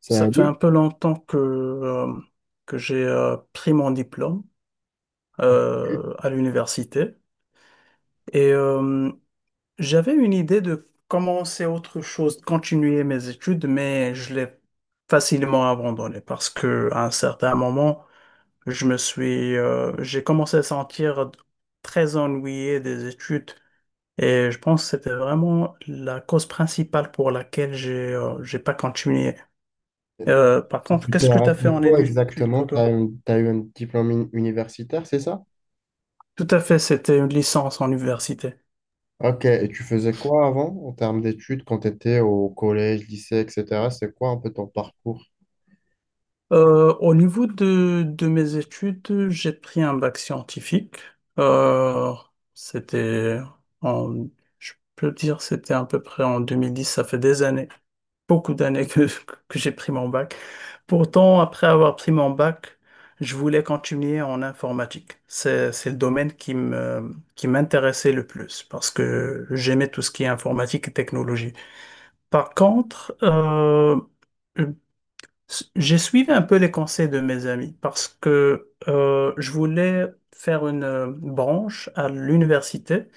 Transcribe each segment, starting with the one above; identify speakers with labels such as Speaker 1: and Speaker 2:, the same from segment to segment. Speaker 1: C'est un
Speaker 2: Ça fait
Speaker 1: livre.
Speaker 2: un peu longtemps que j'ai pris mon diplôme à l'université et j'avais une idée de commencer autre chose, de continuer mes études, mais je l'ai facilement abandonné parce que à un certain moment, j'ai commencé à sentir très ennuyé des études et je pense que c'était vraiment la cause principale pour laquelle j'ai pas continué. Par contre,
Speaker 1: Tu t'es
Speaker 2: qu'est-ce que tu as fait
Speaker 1: arrêté
Speaker 2: en
Speaker 1: quoi
Speaker 2: études pour
Speaker 1: exactement? Tu as,
Speaker 2: toi?
Speaker 1: eu t'as eu un diplôme universitaire, c'est ça?
Speaker 2: Tout à fait, c'était une licence en université.
Speaker 1: Ok, et tu faisais quoi avant en termes d'études quand tu étais au collège, lycée, etc.? C'est quoi un peu ton parcours?
Speaker 2: Au niveau de mes études, j'ai pris un bac scientifique. Euh, c'était en, je peux dire, c'était à peu près en 2010. Ça fait des années, beaucoup d'années que j'ai pris mon bac. Pourtant, après avoir pris mon bac, je voulais continuer en informatique. C'est le domaine qui m'intéressait le plus parce que j'aimais tout ce qui est informatique et technologie. Par contre, j'ai suivi un peu les conseils de mes amis parce que je voulais faire une branche à l'université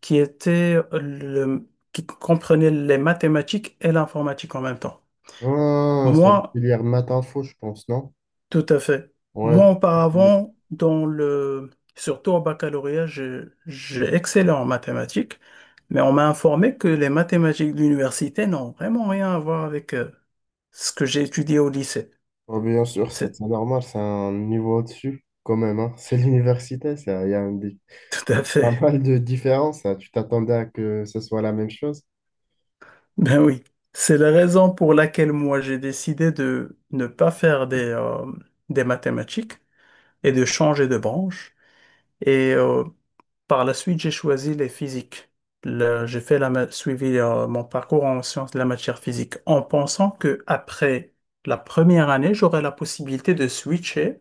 Speaker 2: qui comprenait les mathématiques et l'informatique en même temps.
Speaker 1: Ah, c'est la
Speaker 2: Moi,
Speaker 1: filière maths info, je pense, non?
Speaker 2: tout à fait. Moi,
Speaker 1: Ouais.
Speaker 2: auparavant, surtout au baccalauréat, j'ai excellé en mathématiques, mais on m'a informé que les mathématiques de l'université n'ont vraiment rien à voir avec ce que j'ai étudié au lycée.
Speaker 1: Ah, bien sûr, c'est
Speaker 2: C'est
Speaker 1: c'est normal, c'est un niveau au-dessus quand même, hein. C'est l'université, ça, il y a
Speaker 2: tout à
Speaker 1: pas
Speaker 2: fait.
Speaker 1: mal de différences, hein. Tu t'attendais à que ce soit la même chose?
Speaker 2: Ben oui. C'est la raison pour laquelle moi j'ai décidé de ne pas faire des mathématiques et de changer de branche. Et par la suite, j'ai choisi les physiques. J'ai fait suivi mon parcours en sciences de la matière physique en pensant que après la première année, j'aurais la possibilité de switcher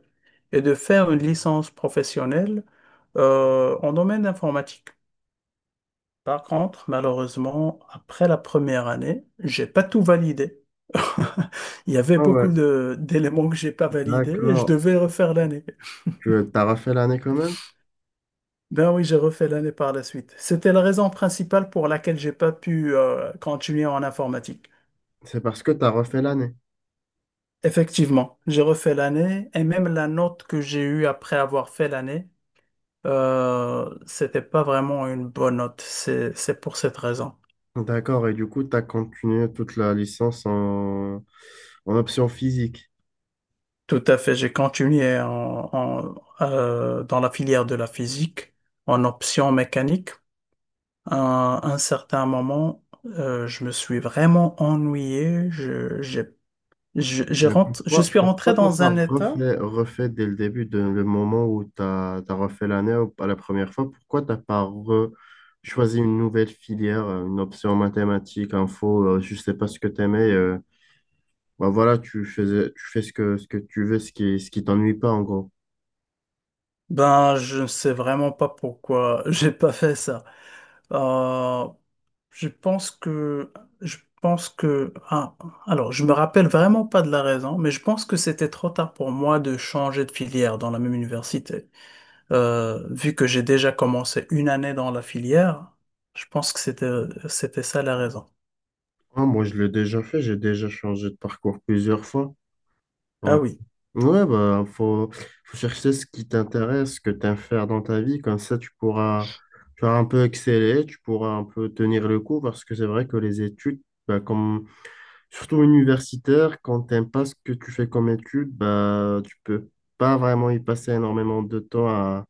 Speaker 2: et de faire une licence professionnelle en domaine informatique. Par contre, malheureusement, après la première année, j'ai pas tout validé. Il y avait
Speaker 1: Ah ouais,
Speaker 2: beaucoup d'éléments que j'ai pas validés et je
Speaker 1: d'accord.
Speaker 2: devais refaire l'année.
Speaker 1: Tu as refait l'année quand même?
Speaker 2: Ben oui, j'ai refait l'année par la suite. C'était la raison principale pour laquelle j'ai pas pu continuer en informatique.
Speaker 1: C'est parce que tu as refait l'année.
Speaker 2: Effectivement, j'ai refait l'année et même la note que j'ai eue après avoir fait l'année, c'était pas vraiment une bonne note. C'est pour cette raison.
Speaker 1: D'accord, et du coup, tu as continué toute la licence en, option physique.
Speaker 2: Tout à fait, j'ai continué dans la filière de la physique en option mécanique. À un certain moment, je me suis vraiment ennuyé. Je- j'ai je
Speaker 1: Mais
Speaker 2: rentre, je
Speaker 1: pourquoi,
Speaker 2: suis rentré
Speaker 1: pourquoi t'en
Speaker 2: dans
Speaker 1: as
Speaker 2: un état.
Speaker 1: refait dès le début, de, le moment où tu as, refait l'année ou pas la première fois, pourquoi t'as pas choisi une nouvelle filière, une option mathématiques, info, je sais pas ce que t'aimais, bah voilà, tu faisais, tu fais ce que, tu veux, ce qui t'ennuie pas en gros.
Speaker 2: Ben, je ne sais vraiment pas pourquoi j'ai pas fait ça. Euh, je pense que, je pense que, ah, alors, je me rappelle vraiment pas de la raison, mais je pense que c'était trop tard pour moi de changer de filière dans la même université. Vu que j'ai déjà commencé une année dans la filière, je pense que c'était ça la raison.
Speaker 1: Ah, moi, je l'ai déjà fait, j'ai déjà changé de parcours plusieurs fois.
Speaker 2: Ah
Speaker 1: En
Speaker 2: oui.
Speaker 1: Ouais, bah, faut chercher ce qui t'intéresse, ce que tu aimes faire dans ta vie. Comme ça, tu pourras, tu vas un peu exceller, tu pourras un peu tenir le coup parce que c'est vrai que les études, bah, comme, surtout universitaires, quand tu n'aimes pas ce que tu fais comme études, bah, tu peux pas vraiment y passer énormément de temps à,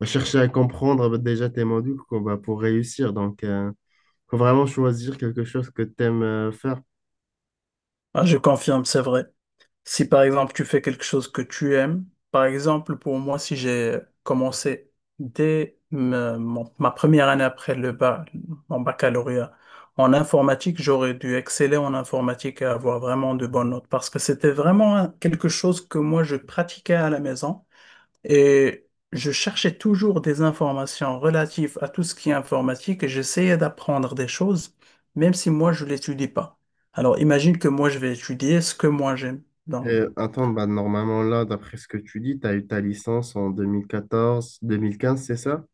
Speaker 1: à chercher à comprendre bah, déjà tes modules quoi, bah, pour réussir. Donc, faut vraiment choisir quelque chose que tu aimes faire.
Speaker 2: Ah, je confirme, c'est vrai. Si par exemple tu fais quelque chose que tu aimes, par exemple pour moi, si j'ai commencé dès ma première année après le bac, mon baccalauréat en informatique, j'aurais dû exceller en informatique et avoir vraiment de bonnes notes parce que c'était vraiment quelque chose que moi je pratiquais à la maison et je cherchais toujours des informations relatives à tout ce qui est informatique et j'essayais d'apprendre des choses même si moi je l'étudie pas. Alors imagine que moi je vais étudier ce que moi j'aime. Donc.
Speaker 1: Attends, bah, normalement, là, d'après ce que tu dis, tu as eu ta licence en 2014-2015, c'est ça?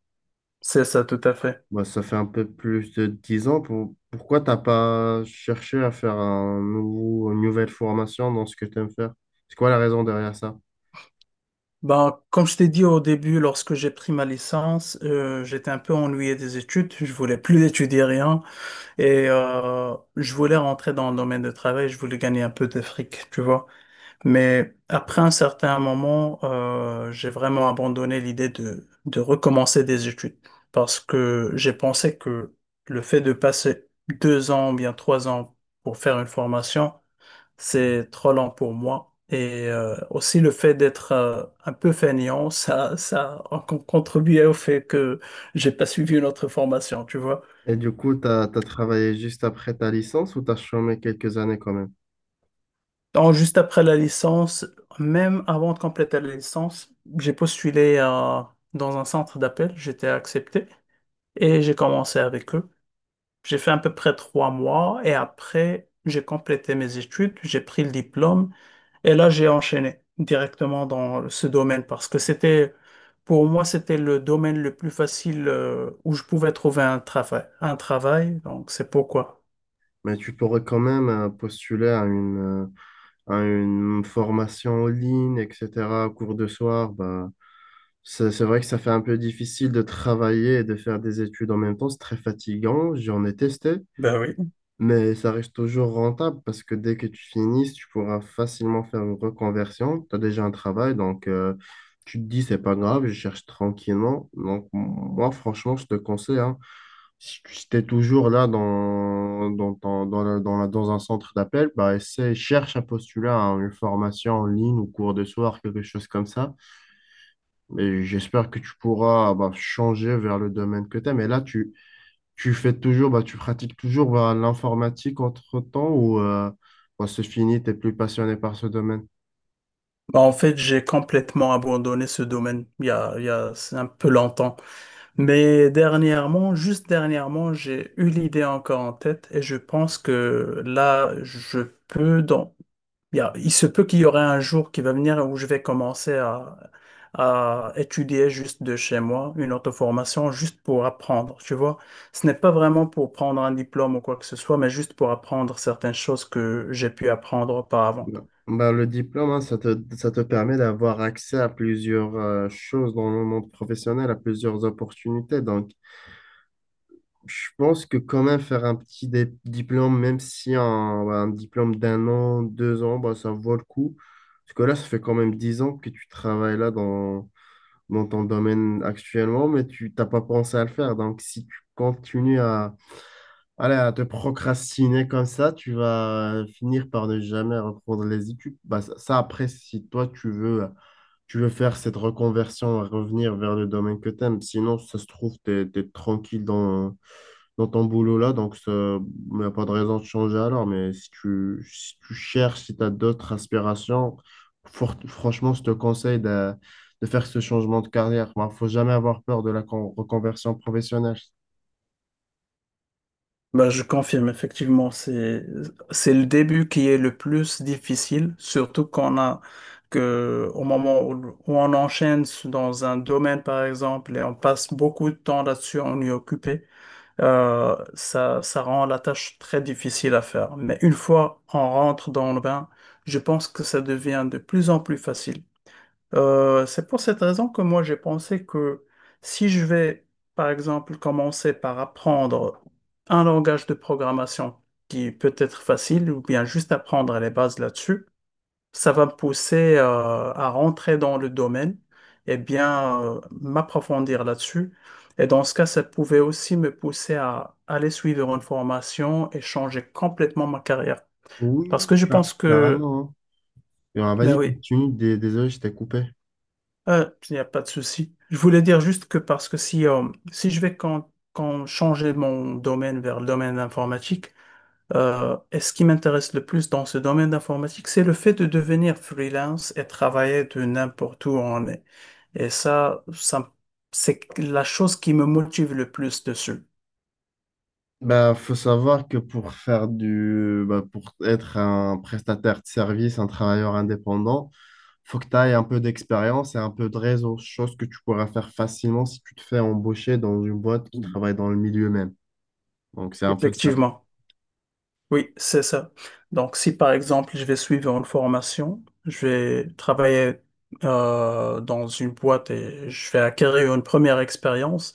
Speaker 2: C'est ça, tout à fait.
Speaker 1: Bah, ça fait un peu plus de 10 ans. Pourquoi t'as pas cherché à faire un nouveau, une nouvelle formation dans ce que tu aimes faire? C'est quoi la raison derrière ça?
Speaker 2: Ben, comme je t'ai dit au début, lorsque j'ai pris ma licence, j'étais un peu ennuyé des études. Je voulais plus étudier rien et je voulais rentrer dans le domaine de travail. Je voulais gagner un peu de fric, tu vois. Mais après un certain moment, j'ai vraiment abandonné l'idée de recommencer des études parce que j'ai pensé que le fait de passer 2 ans ou bien 3 ans pour faire une formation, c'est trop lent pour moi. Et aussi le fait d'être un peu fainéant, ça a contribué au fait que j'ai pas suivi une autre formation, tu vois.
Speaker 1: Et du coup, tu as, travaillé juste après ta licence ou tu as chômé quelques années quand même?
Speaker 2: Donc, juste après la licence, même avant de compléter la licence, j'ai postulé dans un centre d'appel, j'étais accepté et j'ai commencé avec eux. J'ai fait à peu près 3 mois et après, j'ai complété mes études, j'ai pris le diplôme. Et là, j'ai enchaîné directement dans ce domaine parce que c'était, pour moi, c'était le domaine le plus facile où je pouvais trouver un travail. Un travail, donc c'est pourquoi.
Speaker 1: Mais tu pourrais quand même postuler à une formation en ligne, etc., cours de soir. Bah, C'est vrai que ça fait un peu difficile de travailler et de faire des études en même temps. C'est très fatigant. J'en ai testé,
Speaker 2: Ben oui.
Speaker 1: mais ça reste toujours rentable parce que dès que tu finis, tu pourras facilement faire une reconversion. Tu as déjà un travail, donc tu te dis, c'est pas grave, je cherche tranquillement. Donc, moi, franchement, je te conseille, hein, si tu es toujours là dans, dans, ton- dans, la- dans la- dans un centre d'appel, bah, essaie, cherche à postuler à une formation en ligne ou cours de soir, quelque chose comme ça. Et j'espère que tu pourras bah, changer vers le domaine que tu aimes. Et là, tu, fais toujours, bah, tu pratiques toujours bah, l'informatique entre-temps ou bah, c'est fini, tu plus passionné par ce domaine?
Speaker 2: Bah, en fait, j'ai complètement abandonné ce domaine il y a un peu longtemps. Mais dernièrement, juste dernièrement, j'ai eu l'idée encore en tête et je pense que là. Peux, dans, Bien, il se peut qu'il y aurait un jour qui va venir où je vais commencer à étudier juste de chez moi, une auto-formation, juste pour apprendre, tu vois. Ce n'est pas vraiment pour prendre un diplôme ou quoi que ce soit, mais juste pour apprendre certaines choses que j'ai pu apprendre auparavant.
Speaker 1: Non. Bah, le diplôme, hein, ça te permet d'avoir accès à plusieurs choses dans le monde professionnel, à plusieurs opportunités. Donc, je pense que quand même faire un petit diplôme, même si un, bah, un diplôme d'1 an, 2 ans, bah, ça vaut le coup. Parce que là, ça fait quand même 10 ans que tu travailles là dans, ton domaine actuellement, mais tu t'as pas pensé à le faire. Donc, si tu continues à, allez, à te procrastiner comme ça, tu vas finir par ne jamais reprendre les études. Bah, ça, après, si toi, tu veux faire cette reconversion, revenir vers le domaine que t'aimes. Sinon, ça se trouve, t'es, tranquille dans ton boulot là, donc ça, il n'y a pas de raison de changer alors. Mais si tu, cherches, si tu as d'autres aspirations, franchement, je te conseille de faire ce changement de carrière. Il ne faut jamais avoir peur de la reconversion professionnelle.
Speaker 2: Ben, je confirme, effectivement, c'est le début qui est le plus difficile, surtout au moment où on enchaîne dans un domaine, par exemple, et on passe beaucoup de temps là-dessus, on y est occupé. Ça, ça rend la tâche très difficile à faire. Mais une fois on rentre dans le bain, je pense que ça devient de plus en plus facile. C'est pour cette raison que moi j'ai pensé que si je vais, par exemple, commencer par apprendre un langage de programmation qui peut être facile ou bien juste apprendre les bases là-dessus, ça va me pousser à rentrer dans le domaine et bien m'approfondir là-dessus. Et dans ce cas, ça pouvait aussi me pousser à aller suivre une formation et changer complètement ma carrière.
Speaker 1: Oui,
Speaker 2: Parce
Speaker 1: oui,
Speaker 2: que je pense que,
Speaker 1: carrément, hein. Et,
Speaker 2: Ben
Speaker 1: vas-y,
Speaker 2: oui,
Speaker 1: continue. Désolé, je t'ai coupé.
Speaker 2: il n'y a pas de souci. Je voulais dire juste que parce que si je vais quand changer mon domaine vers le domaine informatique. Et ce qui m'intéresse le plus dans ce domaine d'informatique, c'est le fait de devenir freelance et travailler de n'importe où on est. Et ça, c'est la chose qui me motive le plus dessus.
Speaker 1: Bah, faut savoir que pour faire du, bah, pour être un prestataire de service, un travailleur indépendant, faut que tu ailles un peu d'expérience et un peu de réseau, chose que tu pourras faire facilement si tu te fais embaucher dans une boîte qui travaille dans le milieu même. Donc, c'est un peu ça.
Speaker 2: Effectivement. Oui, c'est ça. Donc, si par exemple, je vais suivre une formation, je vais travailler dans une boîte et je vais acquérir une première expérience.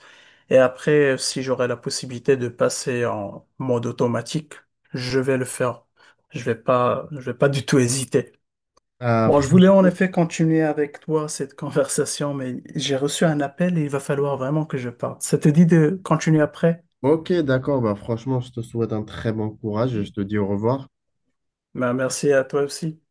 Speaker 2: Et après, si j'aurai la possibilité de passer en mode automatique, je vais le faire. Je vais pas du tout hésiter.
Speaker 1: Ah,
Speaker 2: Bon, je voulais en
Speaker 1: franchement,
Speaker 2: effet continuer avec toi cette conversation, mais j'ai reçu un appel et il va falloir vraiment que je parte. Ça te dit de continuer après?
Speaker 1: ok, d'accord. Bah, franchement, je te souhaite un très bon courage et je te dis au revoir.
Speaker 2: Ben, merci à toi aussi.